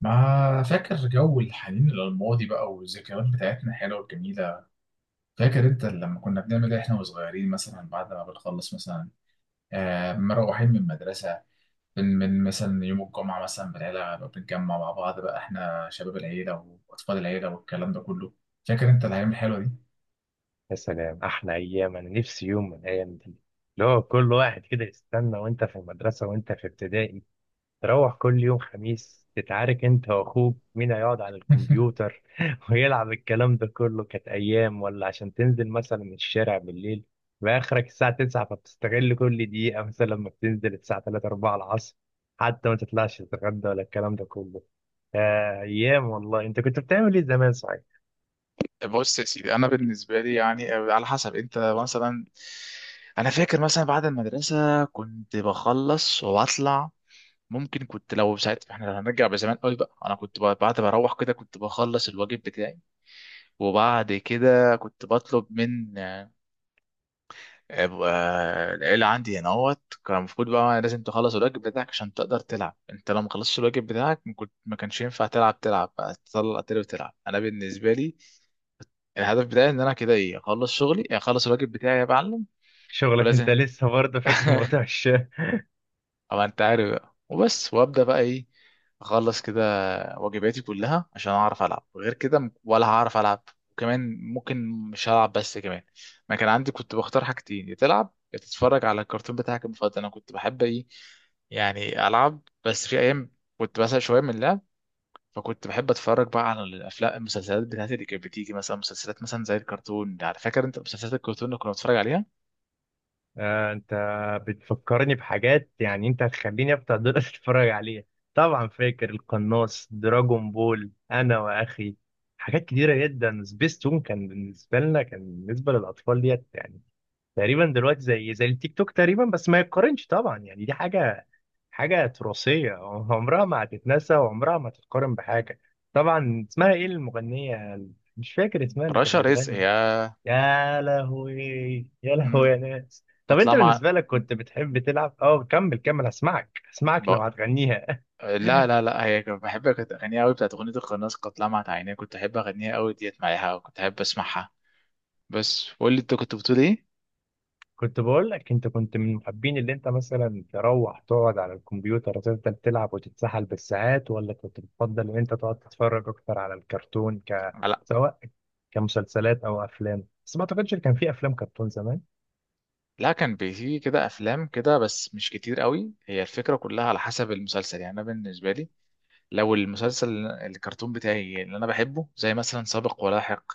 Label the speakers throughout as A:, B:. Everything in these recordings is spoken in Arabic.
A: ما فاكر جو الحنين للماضي بقى والذكريات بتاعتنا الحلوة الجميلة. فاكر انت لما كنا بنعمل ايه احنا وصغيرين مثلا بعد ما بنخلص مثلا آه مروحين من المدرسة؟ من مثلا يوم الجمعة مثلا بالعيلة بقى بنتجمع مع بعض بقى احنا شباب العيلة وأطفال العيلة والكلام ده كله. فاكر انت الأيام الحلوة دي؟
B: يا سلام احلى ايام. انا نفسي يوم من الايام دي، اللي هو كل واحد كده يستنى وانت في المدرسه وانت في ابتدائي تروح كل يوم خميس تتعارك انت واخوك مين هيقعد على الكمبيوتر ويلعب الكلام ده كله. كانت ايام، ولا عشان تنزل مثلا الشارع بالليل باخرك الساعه 9، فبتستغل كل دقيقه مثلا لما بتنزل الساعه 3 4 العصر حتى ما تطلعش تتغدى ولا الكلام ده كله. ايام والله. انت كنت بتعمل ايه زمان؟ صحيح،
A: بص يا سيدي، انا بالنسبه لي يعني على حسب انت مثلا. انا فاكر مثلا بعد المدرسه كنت بخلص واطلع. ممكن كنت لو ساعتها احنا لو هنرجع بزمان قوي بقى انا بعد ما اروح كده كنت بخلص الواجب بتاعي. وبعد كده كنت بطلب من آه، العيلة عندي هنا اهوت، كان المفروض بقى لازم تخلص الواجب بتاعك عشان تقدر تلعب. انت لو ما خلصتش الواجب بتاعك ما كانش ينفع تلعب، تلعب بقى تطلع تلعب تلعب. انا بالنسبة لي الهدف بتاعي ان انا كده ايه، اخلص شغلي، اخلص الواجب بتاعي يا معلم.
B: شغلك انت
A: ولازم
B: لسه برضه فاكر موضوع الشارع.
A: أبقى أنت عارف بقى وبس، وأبدأ بقى إيه، أخلص كده واجباتي كلها عشان أعرف ألعب. غير كده ولا هعرف ألعب. وكمان ممكن مش هلعب بس. كمان ما كان عندي، كنت بختار حاجتين: يا تلعب يا تتفرج على الكرتون بتاعك المفضل. أنا كنت بحب إيه يعني، ألعب بس في أيام كنت بسأل شوية من اللعب. فكنت بحب اتفرج بقى على الافلام، المسلسلات بتاعتي اللي كانت بتيجي مثلا، مسلسلات مثلا زي الكرتون يعني. فاكر انت مسلسلات الكرتون اللي كنا بنتفرج عليها؟
B: انت بتفكرني بحاجات، يعني انت هتخليني افتح دول اتفرج عليها. طبعا فاكر القناص، دراجون بول، انا واخي حاجات كتيره جدا. سبيستون كان بالنسبه لنا، كان بالنسبه للاطفال ديت، يعني تقريبا دلوقتي زي التيك توك تقريبا، بس ما يتقارنش طبعا. يعني دي حاجه تراثيه عمرها ما هتتنسى وعمرها ما هتتقارن بحاجه. طبعا اسمها ايه المغنيه؟ مش فاكر اسمها اللي كانت
A: رشا رزق
B: بتغني.
A: يا.
B: يا لهوي، يا لهوي
A: امم
B: يا ناس. طب
A: كانت
B: انت
A: طالعه
B: بالنسبه لك كنت بتحب تلعب؟ اه، كمل كمل، هسمعك هسمعك
A: مع،
B: لو هتغنيها.
A: لا، هي كنت بحب، كانت اغانيها قوي، بتاعت اغنيه القناص، قد لمعت عينيه، كنت احب اغنيها قوي ديت معاها، وكنت احب اسمعها. بس قول لي انت كنت بتقول ايه.
B: كنت بقول لك، انت كنت من محبين اللي انت مثلا تروح تقعد على الكمبيوتر وتفضل تلعب وتتسحل بالساعات، ولا كنت بتفضل ان انت تقعد تتفرج اكتر على الكرتون،
A: لا،
B: سواء كمسلسلات او افلام؟ بس ما اعتقدش ان كان في افلام كرتون زمان.
A: لا كان بيجي كده افلام كده بس مش كتير قوي. هي الفكره كلها على حسب المسلسل يعني. انا بالنسبه لي لو المسلسل الكرتون بتاعي اللي انا بحبه زي مثلا سابق ولاحق،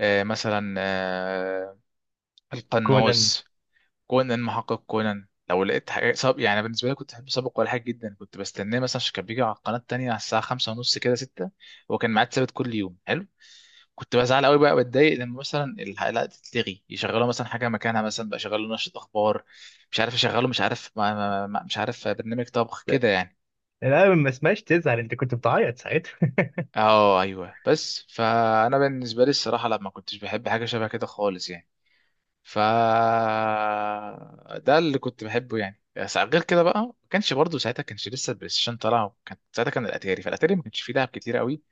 A: آه مثلا، آه
B: كونان.
A: القناص، كونان، محقق كونان، لو لقيت حاجة يعني بالنسبة لي كنت بحب سابق ولا حاجة جدا، كنت بستناه مثلا عشان كان بيجي على القناة التانية على الساعة خمسة ونص كده، ستة. هو كان ميعاد ثابت كل يوم، حلو. كنت بزعل قوي بقى، بتضايق لما مثلا الحلقة تتلغي، يشغلوا مثلا حاجة مكانها، مثلا بقى شغلوا نشرة أخبار، مش عارف، يشغلوا مش عارف ما... ما... ما... مش عارف برنامج طبخ كده يعني.
B: لا، ما اسمهاش تزعل، انت كنت بتعيط ساعتها.
A: اه ايوه، بس فانا بالنسبه لي الصراحه لا ما كنتش بحب حاجه شبه كده خالص يعني. ف ده اللي كنت بحبه يعني. بس غير كده بقى ما كانش، برضه ساعتها كانش لسه البلاي ستيشن طالع، كان ساعتها كان الاتاري، فالاتاري ما كانش فيه لعب كتير قوي،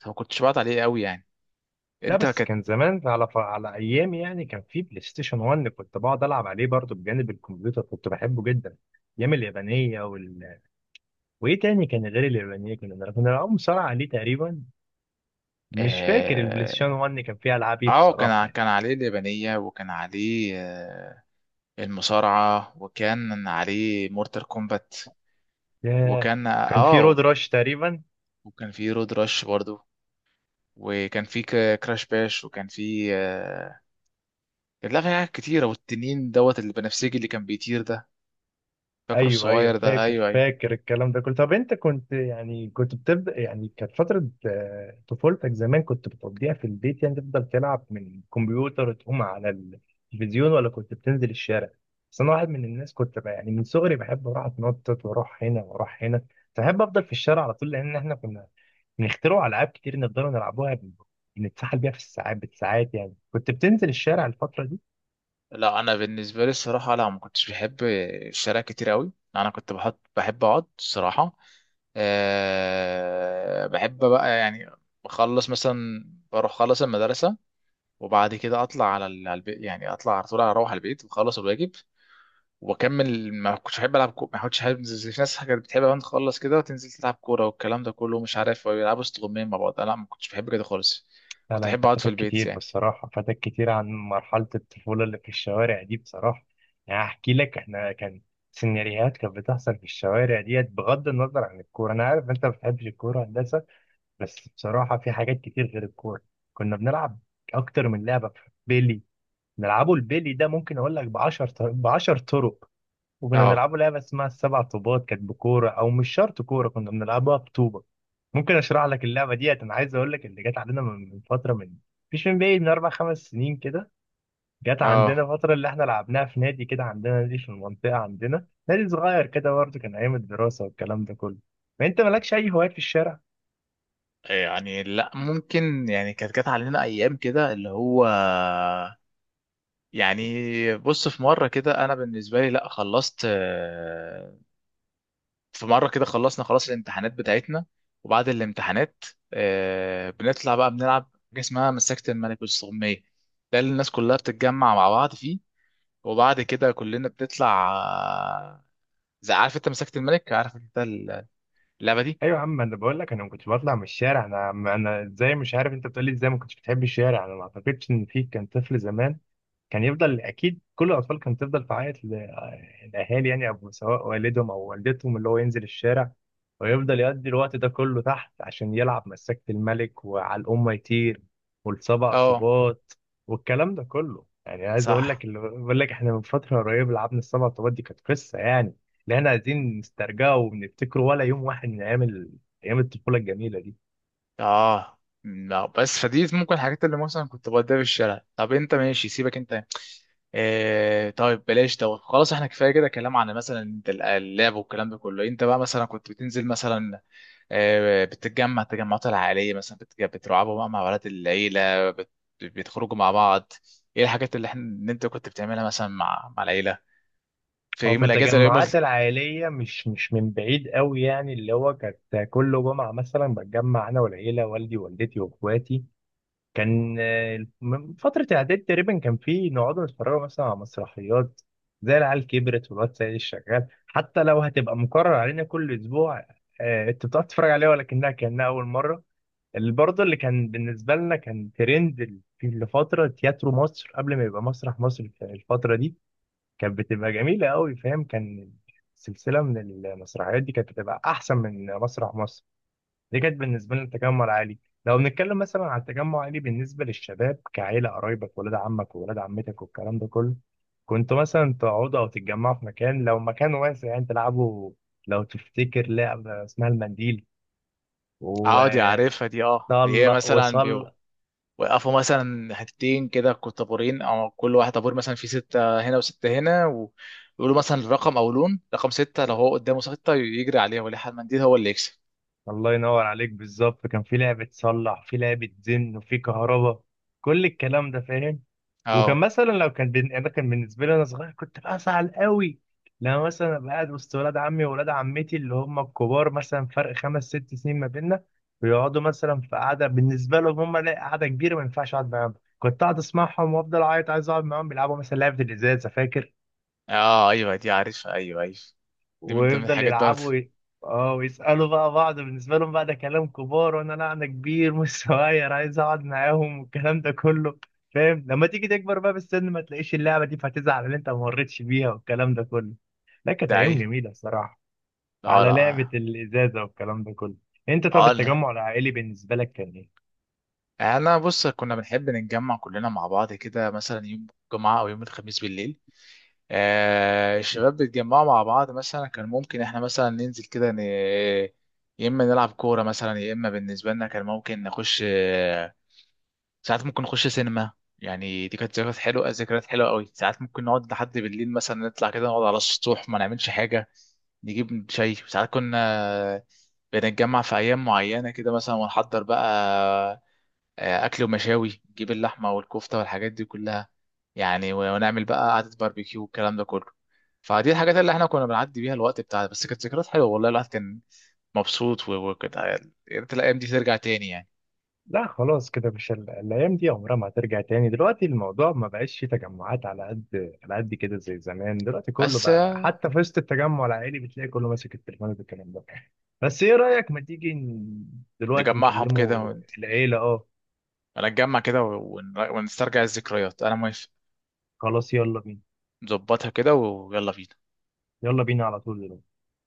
A: فما كنتش بقعد عليه قوي يعني.
B: لا
A: انت
B: بس
A: كانت
B: كان زمان، على ايامي يعني. كان في بلاي ستيشن 1 كنت بقعد العب عليه برضه بجانب الكمبيوتر، كنت بحبه جدا. ايام اليابانيه وايه تاني كان غير اليابانيه؟ كنا بنلعب مصارعه عليه تقريبا. مش فاكر البلاي ستيشن
A: اه،
B: 1 كان فيه العاب ايه بصراحه يعني.
A: كان عليه اليابانية، وكان عليه المصارعة، وكان عليه مورتال كومبات،
B: ياه.
A: وكان
B: كان في
A: اه،
B: رود راش تقريبا.
A: وكان فيه رود رش برضه، وكان في كراش باش، وكان في آه، كان، لا، في حاجات كتيرة، والتنين دوت البنفسجي اللي كان بيطير ده، فاكره
B: ايوه ايوه،
A: الصغير ده؟
B: فاكر
A: ايوه ايوه.
B: فاكر الكلام ده كله. طب انت كنت يعني كنت بتبدا يعني، كانت فتره طفولتك زمان كنت بتقضيها في البيت؟ يعني تفضل تلعب من الكمبيوتر تقوم على التلفزيون، ولا كنت بتنزل الشارع؟ بس انا واحد من الناس كنت بقى يعني من صغري بحب اروح اتنطط واروح هنا واروح هنا، فبحب افضل في الشارع على طول، لان احنا كنا بنخترع العاب كتير نقدر نلعبوها، بنتسحل بيها في الساعات بالساعات يعني. كنت بتنزل الشارع الفتره دي؟
A: لا انا بالنسبه لي الصراحه، لا ما كنتش بحب الشارع كتير قوي. انا كنت بحب اقعد الصراحه. أه بحب بقى يعني، بخلص مثلا، بروح خلص المدرسه، وبعد كده اطلع على على البيت يعني، اطلع على طول اروح على البيت وخلص الواجب وبكمل. ما كنتش بحب العب ما كنتش بحب زي في ناس كانت بتحب أوي تخلص كده وتنزل تلعب كوره والكلام ده كله، مش عارف، ويلعبوا استغمام مع بعض. أنا لا، ما كنتش بحب كده خالص.
B: لا
A: كنت
B: لا،
A: احب
B: انت
A: اقعد في
B: فاتك
A: البيت
B: كتير
A: يعني.
B: بصراحة، فاتك كتير عن مرحلة الطفولة اللي في الشوارع دي بصراحة. يعني احكي لك، احنا كان سيناريوهات كانت بتحصل في الشوارع ديت، بغض النظر عن الكورة. انا عارف انت ما بتحبش الكورة، هندسة. بس بصراحة في حاجات كتير غير الكورة. كنا بنلعب اكتر من لعبة. بيلي، نلعبه. البيلي ده ممكن اقول لك ب 10 ب 10 طرق. وكنا
A: اه
B: بنلعبوا لعبة اسمها السبع طوبات، كانت بكورة أو مش شرط كورة، كنا بنلعبها بطوبة. ممكن أشرح لك اللعبة ديت. أنا عايز أقول لك اللي جت علينا من فترة، مش من بعيد، من أربع خمس سنين كده. جت عندنا
A: اه
B: فترة اللي إحنا لعبناها في نادي كده، عندنا نادي في المنطقة، عندنا نادي صغير كده برضه، كان أيام الدراسة والكلام ده كله. فأنت مالكش أي هوايات في الشارع؟
A: يعني، لا ممكن يعني كانت جت علينا ايام كده اللي هو يعني. بص، في مره كده انا بالنسبه لي، لا خلصت في مره كده خلصنا خلاص الامتحانات بتاعتنا. وبعد الامتحانات بنطلع بقى بنلعب حاجه اسمها مسكت الملك والسغميه. ده اللي الناس كلها بتتجمع مع بعض فيه. وبعد كده كلنا بنطلع زي، عارف انت مسكت الملك؟ عارف انت اللعبه دي؟
B: ايوه يا عم، انا بقول لك انا ما كنتش بطلع من الشارع. انا ازاي؟ مش عارف انت بتقول لي ازاي ما كنتش بتحب الشارع. انا ما اعتقدش ان في كان طفل زمان كان يفضل، اكيد كل الاطفال كانت تفضل تعيط للاهالي، يعني أو سواء والدهم او والدتهم، اللي هو ينزل الشارع ويفضل يقضي الوقت ده كله تحت عشان يلعب مسكت الملك وعلى الام يطير والسبع
A: اه،
B: طوبات والكلام ده كله. يعني عايز اقول
A: صح.
B: لك، اللي بقول لك احنا من فتره قريبه لعبنا السبع طوبات دي، كانت قصه يعني اللي احنا عايزين نسترجعه ونفتكره، ولا يوم واحد من ايام ايام الطفوله الجميله دي.
A: اه لا، بس فدي ممكن الحاجات اللي مثلا كنت بوديها في الشارع. طب انت ماشي، سيبك انت. اه طيب بلاش دوت، خلاص احنا كفايه كده كلام عن مثلا انت اللعب والكلام ده كله. انت بقى مثلا كنت بتنزل مثلا، اه بتتجمع التجمعات العائليه مثلا، بتلعبوا بقى مع ولاد العيله، بتخرجوا مع بعض. ايه الحاجات اللي انت كنت بتعملها مثلا مع العيله في
B: هو
A: يوم
B: في
A: الاجازه ولا يوم ال...؟
B: التجمعات العائليه مش من بعيد قوي يعني، اللي هو كانت كل جمعه مثلا بتجمع انا والعيله، والدي ووالدتي واخواتي. كان من فتره اعداد تقريبا، كان في نقعد نتفرج مثلا على مسرحيات زي العيال كبرت والواد سيد الشغال، حتى لو هتبقى مكرر علينا كل اسبوع. انت بتقعد تتفرج عليها ولكنها كانها اول مره. اللي برضه اللي كان بالنسبة لنا كان ترند في لفترة تياترو مصر، قبل ما يبقى مسرح مصر. في الفترة دي كانت بتبقى جميلة قوي، فاهم. كان سلسلة من المسرحيات دي كانت بتبقى أحسن من مسرح مصر. دي كانت بالنسبة لنا التجمع العالي. لو بنتكلم مثلا عن التجمع العالي بالنسبة للشباب كعيلة، قرايبك ولاد عمك وولاد عمتك والكلام ده كله، كنتوا مثلا تقعدوا أو تتجمعوا في مكان؟ لو مكان واسع يعني تلعبوا. لو تفتكر لعبة اسمها المنديل و
A: اه دي عارفها دي، اه، اللي هي
B: صل
A: مثلا
B: وصل.
A: وقفوا مثلا حتتين كده، طابورين، او كل واحد طابور مثلا فيه ستة هنا وستة هنا، ويقولوا مثلا الرقم او لون. رقم ستة، لو هو قدامه ستة يجري عليها، ولا حد منديل هو اللي يكسب.
B: الله ينور عليك بالظبط. كان في لعبة صلح، في لعبة زن، وفي كهرباء، كل الكلام ده فاهم. وكان
A: اه
B: مثلا انا كان بالنسبة لي انا صغير كنت بزعل قوي لما مثلا ابقى قاعد وسط ولاد عمي وولاد عمتي اللي هم الكبار، مثلا فرق خمس ست سنين ما بيننا، ويقعدوا مثلا في قعدة بالنسبة لهم هم، لا قعدة كبيرة ما ينفعش اقعد معاهم. كنت قاعد اسمعهم وافضل اعيط عايز اقعد معاهم بيلعبوا مثلا لعبة الازاز، فاكر؟
A: اه ايوه، دي عارفها، ايوه ايوه، دي من ضمن
B: ويفضل
A: الحاجات برضه.
B: يلعبوا اه ويسألوا بقى بعض بالنسبة لهم، بقى ده كلام كبار وانا لا انا كبير مش صغير عايز اقعد معاهم والكلام ده كله، فاهم؟ لما تيجي تكبر بقى بالسن ما تلاقيش اللعبة دي فهتزعل ان انت ما مريتش بيها والكلام ده كله. لا كانت
A: ده
B: ايام
A: ايه؟
B: جميلة الصراحة،
A: اه
B: على لعبة
A: لا.
B: الازازة والكلام ده كله. انت طب
A: اه لا،
B: التجمع العائلي بالنسبة لك كان ايه؟
A: انا بص كنا بنحب نتجمع كلنا مع بعض كده مثلا يوم الجمعة او يوم الخميس بالليل. الشباب بيتجمعوا مع بعض، مثلا كان ممكن احنا مثلا ننزل كده ن...، يا اما نلعب كوره مثلا، يا اما بالنسبه لنا كان ممكن نخش ساعات ممكن نخش سينما يعني. دي كانت ذكريات حلوه، ذكريات حلوه قوي. ساعات ممكن نقعد لحد بالليل مثلا، نطلع كده نقعد على السطوح، ما نعملش حاجه، نجيب شاي. ساعات كنا بنتجمع في ايام معينه كده مثلا، ونحضر بقى اكل ومشاوي، نجيب اللحمه والكفته والحاجات دي كلها يعني، ونعمل بقى قعده باربيكيو والكلام ده كله. فدي الحاجات اللي احنا كنا بنعدي بيها الوقت بتاعنا. بس كانت ذكريات حلوه والله، الواحد كان مبسوط وكده. يا ريت الايام دي ترجع تاني يعني.
B: لا خلاص، كده مش الايام دي عمرها ما هترجع تاني. دلوقتي الموضوع ما بقاش فيه تجمعات على قد على قد كده زي زمان. دلوقتي كله
A: بس
B: بقى
A: آه،
B: حتى في وسط التجمع العائلي بتلاقي كله ماسك التليفون والكلام ده. بس ايه رايك، ما تيجي دلوقتي
A: نجمعهم كده
B: نكلمه العيله؟ اه،
A: ونتجمع كده ونسترجع الذكريات، انا موافق.
B: خلاص يلا بينا.
A: نظبطها كده ويلا بينا.
B: يلا بينا على طول دلوقتي.